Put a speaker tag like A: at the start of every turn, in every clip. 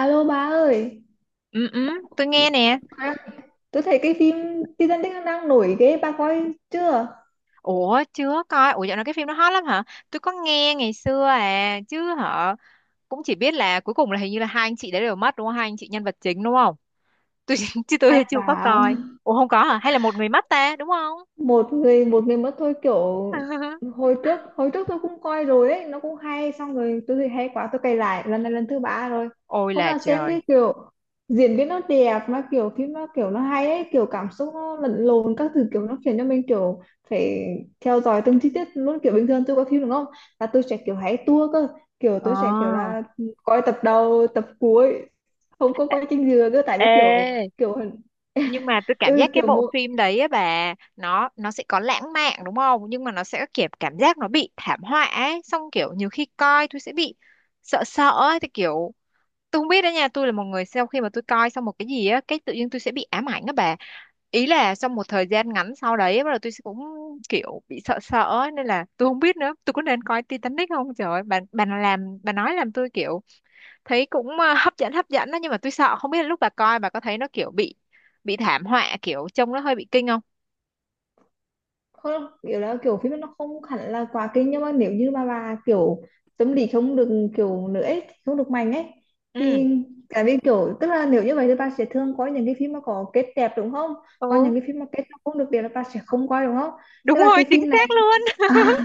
A: Alo bà ơi,
B: Ừ, ừ, tôi nghe nè.
A: à, tôi thấy cái phim Titanic nó đang nổi ghê, bà coi chưa?
B: Ủa, chưa coi. Ủa, dạo này cái phim nó hot lắm hả? Tôi có nghe ngày xưa à, chứ hả? Cũng chỉ biết là cuối cùng là hình như là hai anh chị đấy đều mất đúng không? Hai anh chị nhân vật chính đúng không? Tôi chứ
A: Ai
B: tôi chưa có
A: vào?
B: coi. Ủa không có hả? Hay là một người mất ta, đúng không?
A: Một người một mình mất thôi kiểu. Hồi trước tôi cũng coi rồi ấy, nó cũng hay. Xong rồi tôi thấy hay quá tôi cày lại, lần này lần thứ ba rồi.
B: Ôi
A: Hôm
B: là
A: nào xem
B: trời.
A: đi kiểu, diễn biến nó đẹp mà, kiểu phim nó kiểu nó hay ấy, kiểu cảm xúc nó lẫn lộn các thứ, kiểu nó khiến cho mình kiểu phải theo dõi từng chi tiết luôn. Kiểu bình thường tôi coi phim đúng không, là tôi sẽ kiểu hay tua cơ, kiểu tôi sẽ kiểu
B: Ờ.
A: là coi tập đầu tập cuối, không có coi trình dừa cơ, tại vì kiểu,
B: Ê,
A: kiểu
B: nhưng mà tôi cảm
A: ừ,
B: giác cái
A: kiểu
B: bộ
A: một.
B: phim đấy á bà, nó sẽ có lãng mạn đúng không? Nhưng mà nó sẽ kiểu cảm giác nó bị thảm họa ấy, xong kiểu nhiều khi coi tôi sẽ bị sợ sợ ấy, thì kiểu tôi không biết đó nha, tôi là một người sau khi mà tôi coi xong một cái gì á cái tự nhiên tôi sẽ bị ám ảnh á bà, ý là trong một thời gian ngắn sau đấy bắt đầu tôi sẽ cũng kiểu bị sợ sợ ấy, nên là tôi không biết nữa tôi có nên coi Titanic không, trời ơi, bà làm bà nói làm tôi kiểu thấy cũng hấp dẫn đó, nhưng mà tôi sợ không biết là lúc bà coi bà có thấy nó kiểu bị thảm họa kiểu trông nó hơi bị kinh không.
A: Không kiểu là kiểu phim nó không hẳn là quá kinh, nhưng mà nếu như mà bà kiểu tâm lý không được kiểu nữa ấy, không được mạnh ấy,
B: Ừ,
A: thì tại vì kiểu, tức là nếu như vậy thì bà sẽ thường coi những cái phim mà có kết đẹp đúng không, còn
B: ừ,
A: những cái phim mà kết nó không được đẹp là bà sẽ không coi đúng không. Tức
B: đúng
A: là
B: rồi
A: cái
B: chính
A: phim này
B: xác luôn.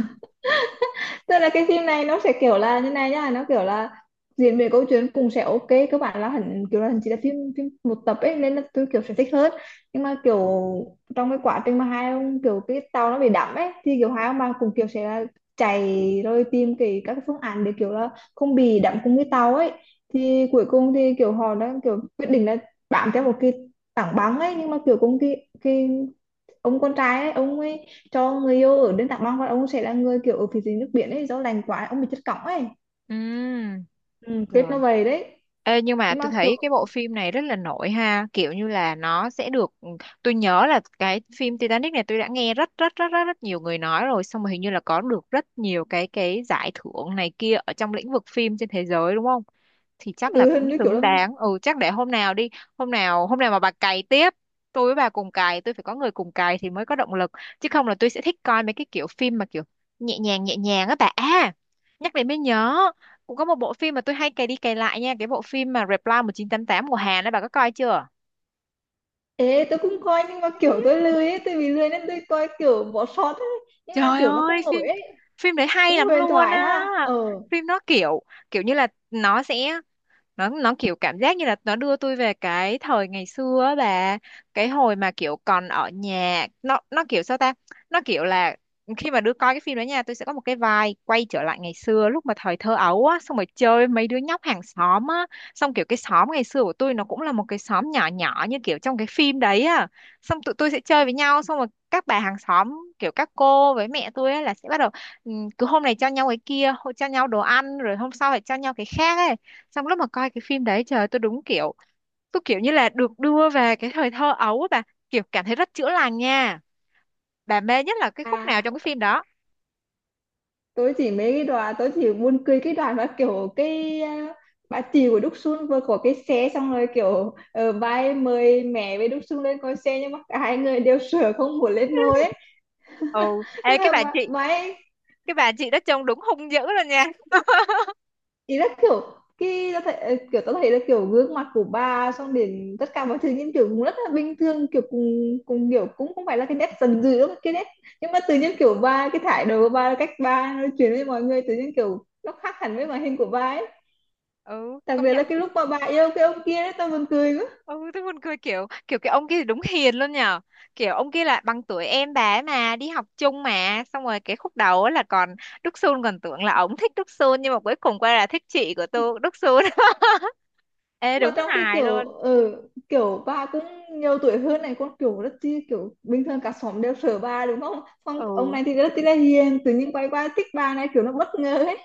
A: tức là cái phim này nó sẽ kiểu là như này nhá, nó kiểu là diễn biến câu chuyện cũng sẽ ok. Các bạn là hẳn kiểu là chỉ là phim phim một tập ấy, nên là tôi kiểu sẽ thích hơn. Nhưng mà kiểu trong cái quá trình mà hai ông kiểu cái tàu nó bị đắm ấy, thì kiểu hai ông bà cũng kiểu sẽ là chạy rồi tìm các cái phương án để kiểu là không bị đắm cùng cái tàu ấy. Thì cuối cùng thì kiểu họ đã kiểu quyết định là bám theo một cái tảng băng ấy, nhưng mà kiểu cũng cái ông con trai ấy, ông ấy cho người yêu ở bên Tạng Long và ông sẽ là người kiểu ở phía dưới nước biển ấy, do lành quá ông bị chất cỏng ấy.
B: Ừ.
A: Ừ, kết
B: Rồi.
A: nó vậy đấy.
B: Ê, nhưng mà
A: Nhưng
B: tôi
A: mà kiểu
B: thấy cái bộ phim này rất là nổi ha, kiểu như là nó sẽ được tôi nhớ là cái phim Titanic này tôi đã nghe rất rất rất rất rất nhiều người nói rồi, xong rồi hình như là có được rất nhiều cái giải thưởng này kia ở trong lĩnh vực phim trên thế giới đúng không? Thì chắc là
A: ừ,
B: cũng
A: hình như kiểu
B: xứng
A: là
B: đáng. Ừ chắc để hôm nào đi, hôm nào mà bà cày tiếp, tôi với bà cùng cày, tôi phải có người cùng cày thì mới có động lực, chứ không là tôi sẽ thích coi mấy cái kiểu phim mà kiểu nhẹ nhàng á bà. À, nhắc đến mới nhớ cũng có một bộ phim mà tôi hay cày đi cày lại nha, cái bộ phim mà Reply 1988 của Hàn ấy bà có coi chưa?
A: ê tôi cũng coi, nhưng mà kiểu tôi lười ấy, tôi bị lười nên tôi coi kiểu bỏ sót ấy, nhưng mà
B: Trời
A: kiểu nó
B: ơi,
A: cũng nổi
B: phim
A: ấy,
B: phim đấy hay
A: cũng
B: lắm
A: huyền
B: luôn
A: thoại
B: á.
A: ha. Ờ
B: Phim nó kiểu kiểu như là nó sẽ nó kiểu cảm giác như là nó đưa tôi về cái thời ngày xưa á bà, cái hồi mà kiểu còn ở nhà nó kiểu sao ta, nó kiểu là khi mà đứa coi cái phim đó nha, tôi sẽ có một cái vibe quay trở lại ngày xưa lúc mà thời thơ ấu á, xong rồi chơi mấy đứa nhóc hàng xóm á, xong kiểu cái xóm ngày xưa của tôi nó cũng là một cái xóm nhỏ nhỏ như kiểu trong cái phim đấy á, xong tụi tôi sẽ chơi với nhau, xong rồi các bà hàng xóm kiểu các cô với mẹ tôi á là sẽ bắt đầu ừ, cứ hôm này cho nhau cái kia, hôm- cho nhau đồ ăn, rồi hôm sau lại cho nhau cái khác ấy, xong lúc mà coi cái phim đấy trời ơi, tôi đúng kiểu tôi kiểu như là được đưa về cái thời thơ ấu á bà, kiểu cảm thấy rất chữa lành nha. Bà mê nhất là cái khúc nào
A: à,
B: trong cái phim đó?
A: tôi chỉ mấy cái đoạn, tôi chỉ buồn cười cái đoạn mà kiểu cái à, bà chị của Đúc Sun vừa có cái xe, xong rồi kiểu ờ, bà ấy mời mẹ với Đúc Sun lên coi xe nhưng mà cả hai người đều sợ không muốn lên ngồi ấy.
B: Ừ, ê
A: Tức
B: cái
A: là
B: bà
A: mà,
B: chị,
A: mà ấy,
B: cái bà chị đó trông đúng hung dữ luôn nha.
A: ý là kiểu khi ta thấy, kiểu ta thấy là kiểu gương mặt của bà xong đến tất cả mọi thứ những kiểu cũng rất là bình thường, kiểu cùng cùng kiểu cũng không phải là cái nét dần dữ đâu, cái nét nhưng mà tự nhiên kiểu bà, cái thái độ của bà, cách bà nói chuyện với mọi người tự nhiên kiểu nó khác hẳn với màn hình của bà ấy.
B: Ừ
A: Đặc
B: công
A: biệt là
B: nhận.
A: cái lúc mà bà yêu cái ông kia đấy tao buồn cười.
B: Ừ tôi buồn cười kiểu kiểu cái ông kia đúng hiền luôn nhờ, kiểu ông kia là bằng tuổi em bà ấy mà đi học chung mà, xong rồi cái khúc đầu á là còn Đức Sun còn tưởng là ổng thích Đức Sun, nhưng mà cuối cùng quay là thích chị của tôi Đức Sun. Ê
A: Mà
B: đúng
A: trong cái
B: hài
A: kiểu
B: luôn.
A: ừ, kiểu bà cũng nhiều tuổi hơn này con, kiểu rất chi kiểu bình thường, cả xóm đều sợ bà đúng không, xong ông
B: Ừ
A: này thì rất chi là hiền, tự nhiên quay qua thích bà này kiểu nó bất ngờ ấy.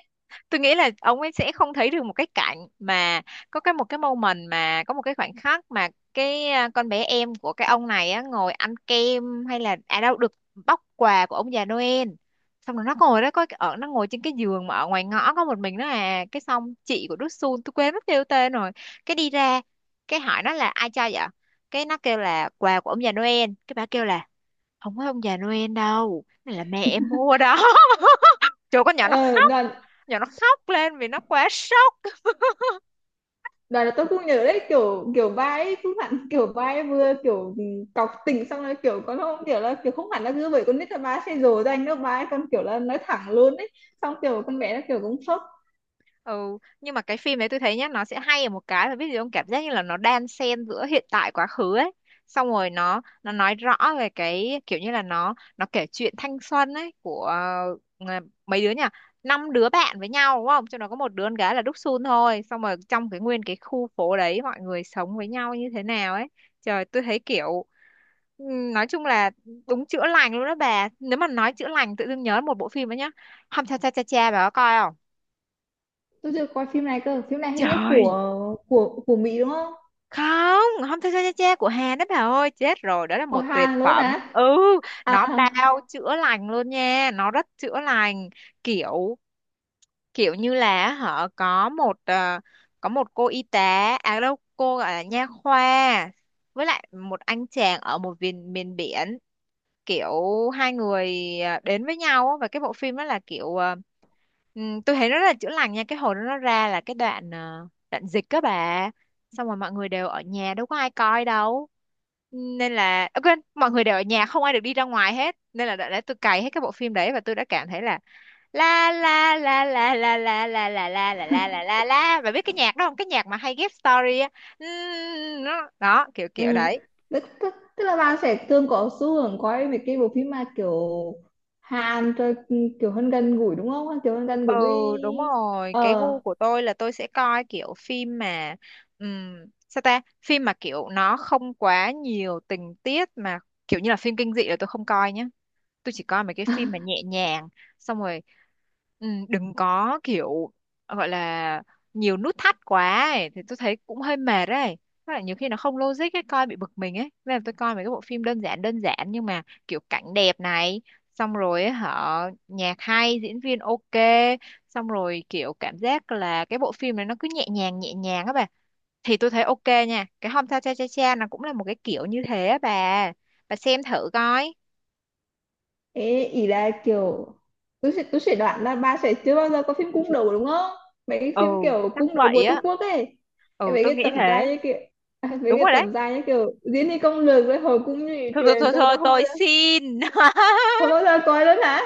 B: tôi nghĩ là ông ấy sẽ không thấy được một cái cảnh mà có cái một cái moment mà có một cái khoảnh khắc mà cái con bé em của cái ông này á ngồi ăn kem, hay là à đâu được bóc quà của ông già Noel, xong rồi nó ngồi đó có ở nó ngồi trên cái giường mà ở ngoài ngõ có một mình nó, à cái xong chị của Đức Sun tôi quên mất kêu tên rồi, cái đi ra cái hỏi nó là ai cho vậy, cái nó kêu là quà của ông già Noel, cái bà kêu là không phải ông già Noel đâu, này là mẹ em mua đó. Chỗ con nhỏ nó
A: Ờ đoàn
B: giờ nó khóc lên vì nó quá sốc.
A: đoàn là tôi cũng nhớ đấy, kiểu kiểu bà ấy cũng hẳn kiểu bà ấy vừa kiểu ừ, cọc tình, xong rồi kiểu con không kiểu là kiểu không hẳn là cứ bởi con nít là bà ấy sẽ dỗ dành đâu, bà ấy còn kiểu là nói thẳng luôn ấy, xong kiểu con bé nó kiểu cũng sốc.
B: Ừ nhưng mà cái phim đấy tôi thấy nhá nó sẽ hay ở một cái là biết gì không, cảm giác như là nó đan xen giữa hiện tại quá khứ ấy, xong rồi nó nói rõ về cái kiểu như là nó kể chuyện thanh xuân ấy của ờ, mấy đứa nhỉ, năm đứa bạn với nhau đúng không, trong đó có một đứa con gái là Đúc Sun thôi, xong rồi trong cái nguyên cái khu phố đấy mọi người sống với nhau như thế nào ấy, trời tôi thấy kiểu Ừ, nói chung là đúng chữa lành luôn đó bà. Nếu mà nói chữa lành tự dưng nhớ một bộ phim đó nhá, Hom Cha Cha Cha Cha bà có coi không?
A: Tôi chưa coi phim này cơ, phim này hình như
B: Trời,
A: của Mỹ đúng không?
B: không, Hom Cha Cha Cha Cha của Hàn đó bà ơi, chết rồi đó là
A: Của
B: một tuyệt
A: Hàn luôn
B: phẩm.
A: á?
B: Ừ
A: À.
B: nó bao chữa lành luôn nha, nó rất chữa lành, kiểu kiểu như là họ có một có một cô y tá à đâu cô gọi là nha khoa với lại một anh chàng ở một miền miền biển, kiểu hai người đến với nhau á, và cái bộ phim đó là kiểu tôi thấy nó rất là chữa lành nha. Cái hồi đó nó ra là cái đoạn đoạn dịch các bà, xong rồi mọi người đều ở nhà đâu có ai coi đâu, nên là quên, mọi người đều ở nhà không ai được đi ra ngoài hết, nên là đã tôi cày hết cái bộ phim đấy và tôi đã cảm thấy là la la la la la la la la la la la la la la, bà biết cái nhạc đó không, cái nhạc mà hay ghép story á. Nó- đó kiểu kiểu
A: Ừ.
B: đấy.
A: Tức là bạn sẽ thường có xu hướng coi mấy cái bộ phim mà kiểu Hàn rồi ừ, kiểu hơn gần gũi đúng không? Kiểu hơn gần
B: Ừ
A: gũi với
B: đúng rồi cái
A: ờ.
B: gu của tôi là tôi sẽ coi kiểu phim mà ừm, sao ta, phim mà kiểu nó không quá nhiều tình tiết mà kiểu như là phim kinh dị là tôi không coi nhá, tôi chỉ coi mấy cái phim mà nhẹ nhàng, xong rồi ừ, đừng có kiểu gọi là nhiều nút thắt quá ấy. Thì tôi thấy cũng hơi mệt đấy. Với lại nhiều khi nó không logic ấy coi bị bực mình ấy, nên là tôi coi mấy cái bộ phim đơn giản nhưng mà kiểu cảnh đẹp này, xong rồi ấy, hả, nhạc hay diễn viên ok, xong rồi kiểu cảm giác là cái bộ phim này nó cứ nhẹ nhàng á bà, thì tôi thấy ok nha. Cái Hôm Cha Cha Cha Cha nó cũng là một cái kiểu như thế á bà xem thử coi.
A: Ế, ý là kiểu tôi sẽ đoán là bà sẽ chưa bao giờ có phim cung đấu đúng không? Mấy cái
B: Ừ
A: phim kiểu
B: chắc
A: cung đấu của
B: vậy
A: Trung
B: á,
A: Quốc ấy. Cái
B: ừ
A: mấy
B: tôi
A: cái
B: nghĩ
A: tập
B: thế.
A: dài như kiểu à, mấy
B: Đúng
A: cái
B: rồi
A: tập
B: đấy,
A: dài như kiểu diễn đi công lược với hồi cung như
B: thôi thôi
A: truyền
B: thôi,
A: rồi
B: thôi
A: bà không bao
B: tôi
A: giờ.
B: xin.
A: Không bao giờ coi luôn hả?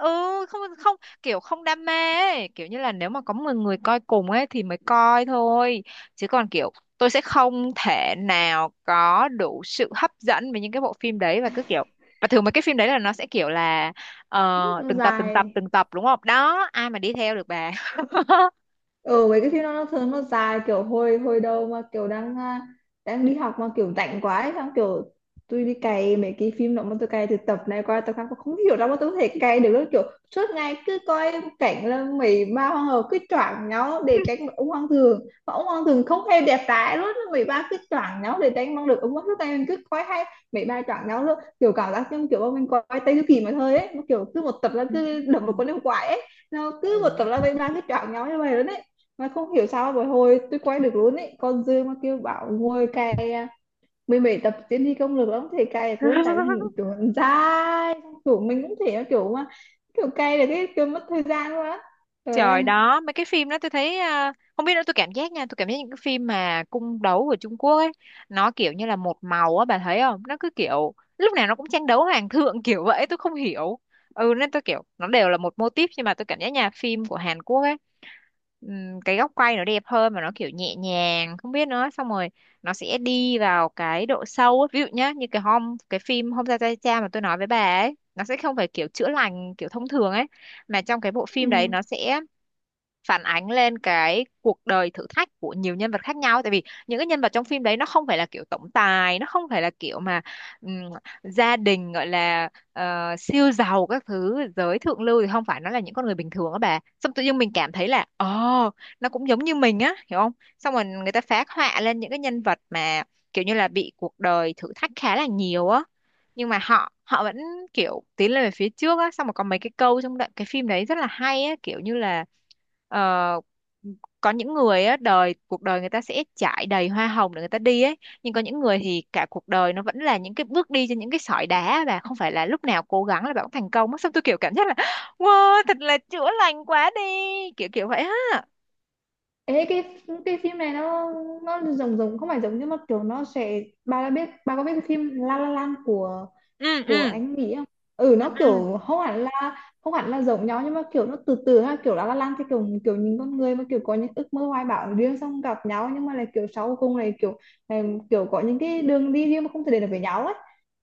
B: Ừ, không không, kiểu không đam mê ấy, kiểu như là nếu mà có 10 người coi cùng ấy thì mới coi thôi, chứ còn kiểu tôi sẽ không thể nào có đủ sự hấp dẫn với những cái bộ phim đấy và cứ kiểu và thường mấy cái phim đấy là nó sẽ kiểu là ờ,
A: Ừ, nó
B: từng tập từng tập
A: dài.
B: từng tập đúng không, đó ai mà đi theo được bà.
A: Ừ, mấy cái phim nó thường nó dài, kiểu hồi hồi đầu mà kiểu đang à, đang đi học mà kiểu rảnh quá ấy, xong kiểu tôi đi cày mấy cái phim đó, mà tôi cày từ tập này qua tập khác, tôi không hiểu đâu mà tôi có thể cày được đâu, kiểu suốt ngày cứ coi cảnh là mấy ba hoàng hậu cứ choảng nhau để tránh được ông hoàng thường, mà ông hoàng thường không hề đẹp trai luôn, mấy ba cứ choảng nhau để tránh mong được ông hoàng, suốt ngày mình cứ coi hay mấy ba choảng nhau luôn, kiểu cảm giác như kiểu bọn mình coi Tây Du Ký mà thôi ấy, nó kiểu cứ một tập là cứ đập một
B: Ừm.
A: con yêu quái ấy, nó cứ một tập là
B: Ừ.
A: mấy ba cứ choảng nhau như vậy luôn ấy. Mà không hiểu sao mà hồi tôi quay được luôn ấy, con Dương mà kêu bảo ngồi cày à, mười bảy tập tiến thi công lược lắm thì cày được luôn, tại vì hình kiểu nó dài, kiểu mình cũng thể nó kiểu mà kiểu cày là cái kiểu mất thời gian luôn á. Trời
B: Trời
A: ơi.
B: đó, mấy cái phim đó tôi thấy không biết nữa tôi cảm giác nha, tôi cảm giác những cái phim mà cung đấu của Trung Quốc ấy, nó kiểu như là một màu á bà thấy không? Nó cứ kiểu lúc nào nó cũng tranh đấu hoàng thượng kiểu vậy, tôi không hiểu. Ừ nên tôi kiểu nó đều là một mô típ, nhưng mà tôi cảm giác nhà phim của Hàn Quốc ấy cái góc quay nó đẹp hơn mà nó kiểu nhẹ nhàng, không biết nữa, xong rồi nó sẽ đi vào cái độ sâu ấy. Ví dụ nhá, như cái hôm cái phim Hôm Ra Tay Cha mà tôi nói với bà ấy, nó sẽ không phải kiểu chữa lành kiểu thông thường ấy, mà trong cái bộ phim đấy
A: Ừ.
B: nó sẽ phản ánh lên cái cuộc đời thử thách của nhiều nhân vật khác nhau, tại vì những cái nhân vật trong phim đấy nó không phải là kiểu tổng tài, nó không phải là kiểu mà ừm, gia đình gọi là siêu giàu các thứ giới thượng lưu, thì không phải, nó là những con người bình thường á bà, xong tự nhiên mình cảm thấy là ồ nó cũng giống như mình á hiểu không, xong rồi người ta phác họa lên những cái nhân vật mà kiểu như là bị cuộc đời thử thách khá là nhiều á, nhưng mà họ họ vẫn kiểu tiến lên về phía trước á, xong rồi có mấy cái câu trong đoạn cái phim đấy rất là hay á, kiểu như là Ờ, có những người á đời cuộc đời người ta sẽ trải đầy hoa hồng để người ta đi ấy, nhưng có những người thì cả cuộc đời nó vẫn là những cái bước đi trên những cái sỏi đá và không phải là lúc nào cố gắng là bạn cũng thành công á, xong tôi kiểu cảm giác là wow thật là chữa lành quá đi, kiểu kiểu vậy á.
A: Ê, cái phim này nó giống giống không phải giống nhưng mà kiểu nó sẽ, bà đã biết, bà có biết cái phim La La Land của
B: Ừ
A: của
B: ừ
A: anh nghĩ không? Ừ,
B: ừ
A: nó
B: ừ.
A: kiểu không hẳn là không hẳn là giống nhau, nhưng mà kiểu nó từ từ ha, kiểu La La Land thì kiểu kiểu những con người mà kiểu có những ước mơ hoài bão riêng, xong gặp nhau nhưng mà là kiểu sau cùng này, kiểu có những cái đường đi riêng mà không thể đến được với nhau ấy.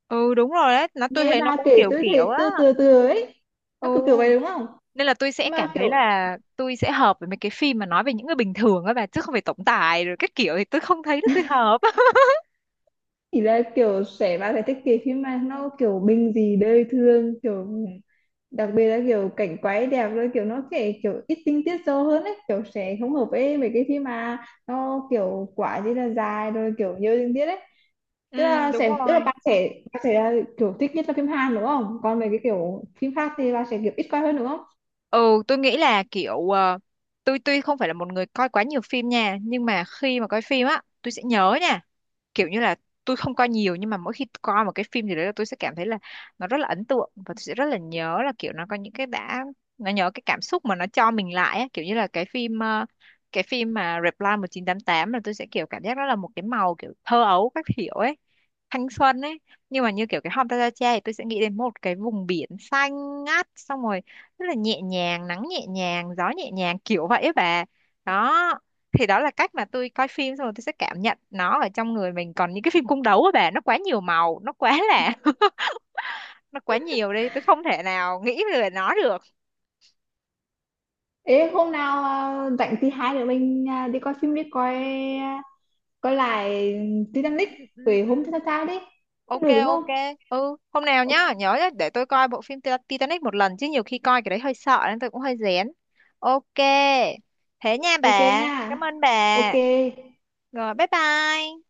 B: Ừ, đúng rồi đấy nó tôi
A: Nghe
B: thấy nó
A: bà
B: cũng
A: kể
B: kiểu
A: tôi
B: kiểu
A: thấy
B: á.
A: từ từ từ ấy, nó
B: Ừ
A: kiểu kiểu vậy đúng không.
B: nên là tôi sẽ
A: Nhưng mà
B: cảm thấy
A: kiểu
B: là tôi sẽ hợp với mấy cái phim mà nói về những người bình thường á bà, chứ không phải tổng tài rồi các kiểu thì tôi không thấy là tôi hợp.
A: thì là kiểu sẽ bạn phải thích cái phim mà nó kiểu bình dị đời thường, kiểu đặc biệt là kiểu cảnh quay đẹp, rồi kiểu nó sẽ kiểu ít tinh tiết sâu hơn ấy, kiểu sẽ không hợp với mấy cái phim mà nó kiểu quá gì là dài rồi kiểu nhiều tình tiết ấy. Tức
B: Ừ
A: là
B: đúng
A: sẽ tức là
B: rồi.
A: bạn sẽ là kiểu thích nhất là phim Hàn đúng không, còn mấy cái kiểu phim khác thì bạn sẽ kiểu ít coi hơn đúng không.
B: Ừ, tôi nghĩ là kiểu tôi tuy không phải là một người coi quá nhiều phim nha, nhưng mà khi mà coi phim á, tôi sẽ nhớ nha, kiểu như là tôi không coi nhiều nhưng mà mỗi khi coi một cái phim gì đấy là tôi sẽ cảm thấy là nó rất là ấn tượng và tôi sẽ rất là nhớ, là kiểu nó có những cái đã nó nhớ cái cảm xúc mà nó cho mình lại á. Kiểu như là cái phim cái phim mà Reply 1988 là tôi sẽ kiểu cảm giác đó là một cái màu kiểu thơ ấu các kiểu ấy, thanh xuân ấy, nhưng mà như kiểu cái Hôm Ta Ra Cha thì tôi sẽ nghĩ đến một cái vùng biển xanh ngắt, xong rồi rất là nhẹ nhàng, nắng nhẹ nhàng, gió nhẹ nhàng, kiểu vậy ấy bà. Đó thì đó là cách mà tôi coi phim, xong rồi tôi sẽ cảm nhận nó ở trong người mình, còn những cái phim cung đấu á bà nó quá nhiều màu, nó quá là nó quá nhiều đi tôi không thể nào nghĩ về nó được.
A: Ê hôm nào à, rảnh thì hai đứa mình à, đi coi phim đi, coi coi lại Titanic
B: Ừ, ừ,
A: về hôm thứ
B: ừ.
A: sáu đấy. Cũng
B: Ok
A: được đúng không?
B: ok. Ừ hôm nào
A: O-
B: nhá nhớ nhá, để tôi coi bộ phim Ti- Titanic một lần chứ nhiều khi coi cái đấy hơi sợ nên tôi cũng hơi rén. Ok thế nha
A: ok
B: bà,
A: nha.
B: cảm ơn
A: Ok.
B: bà, rồi bye bye.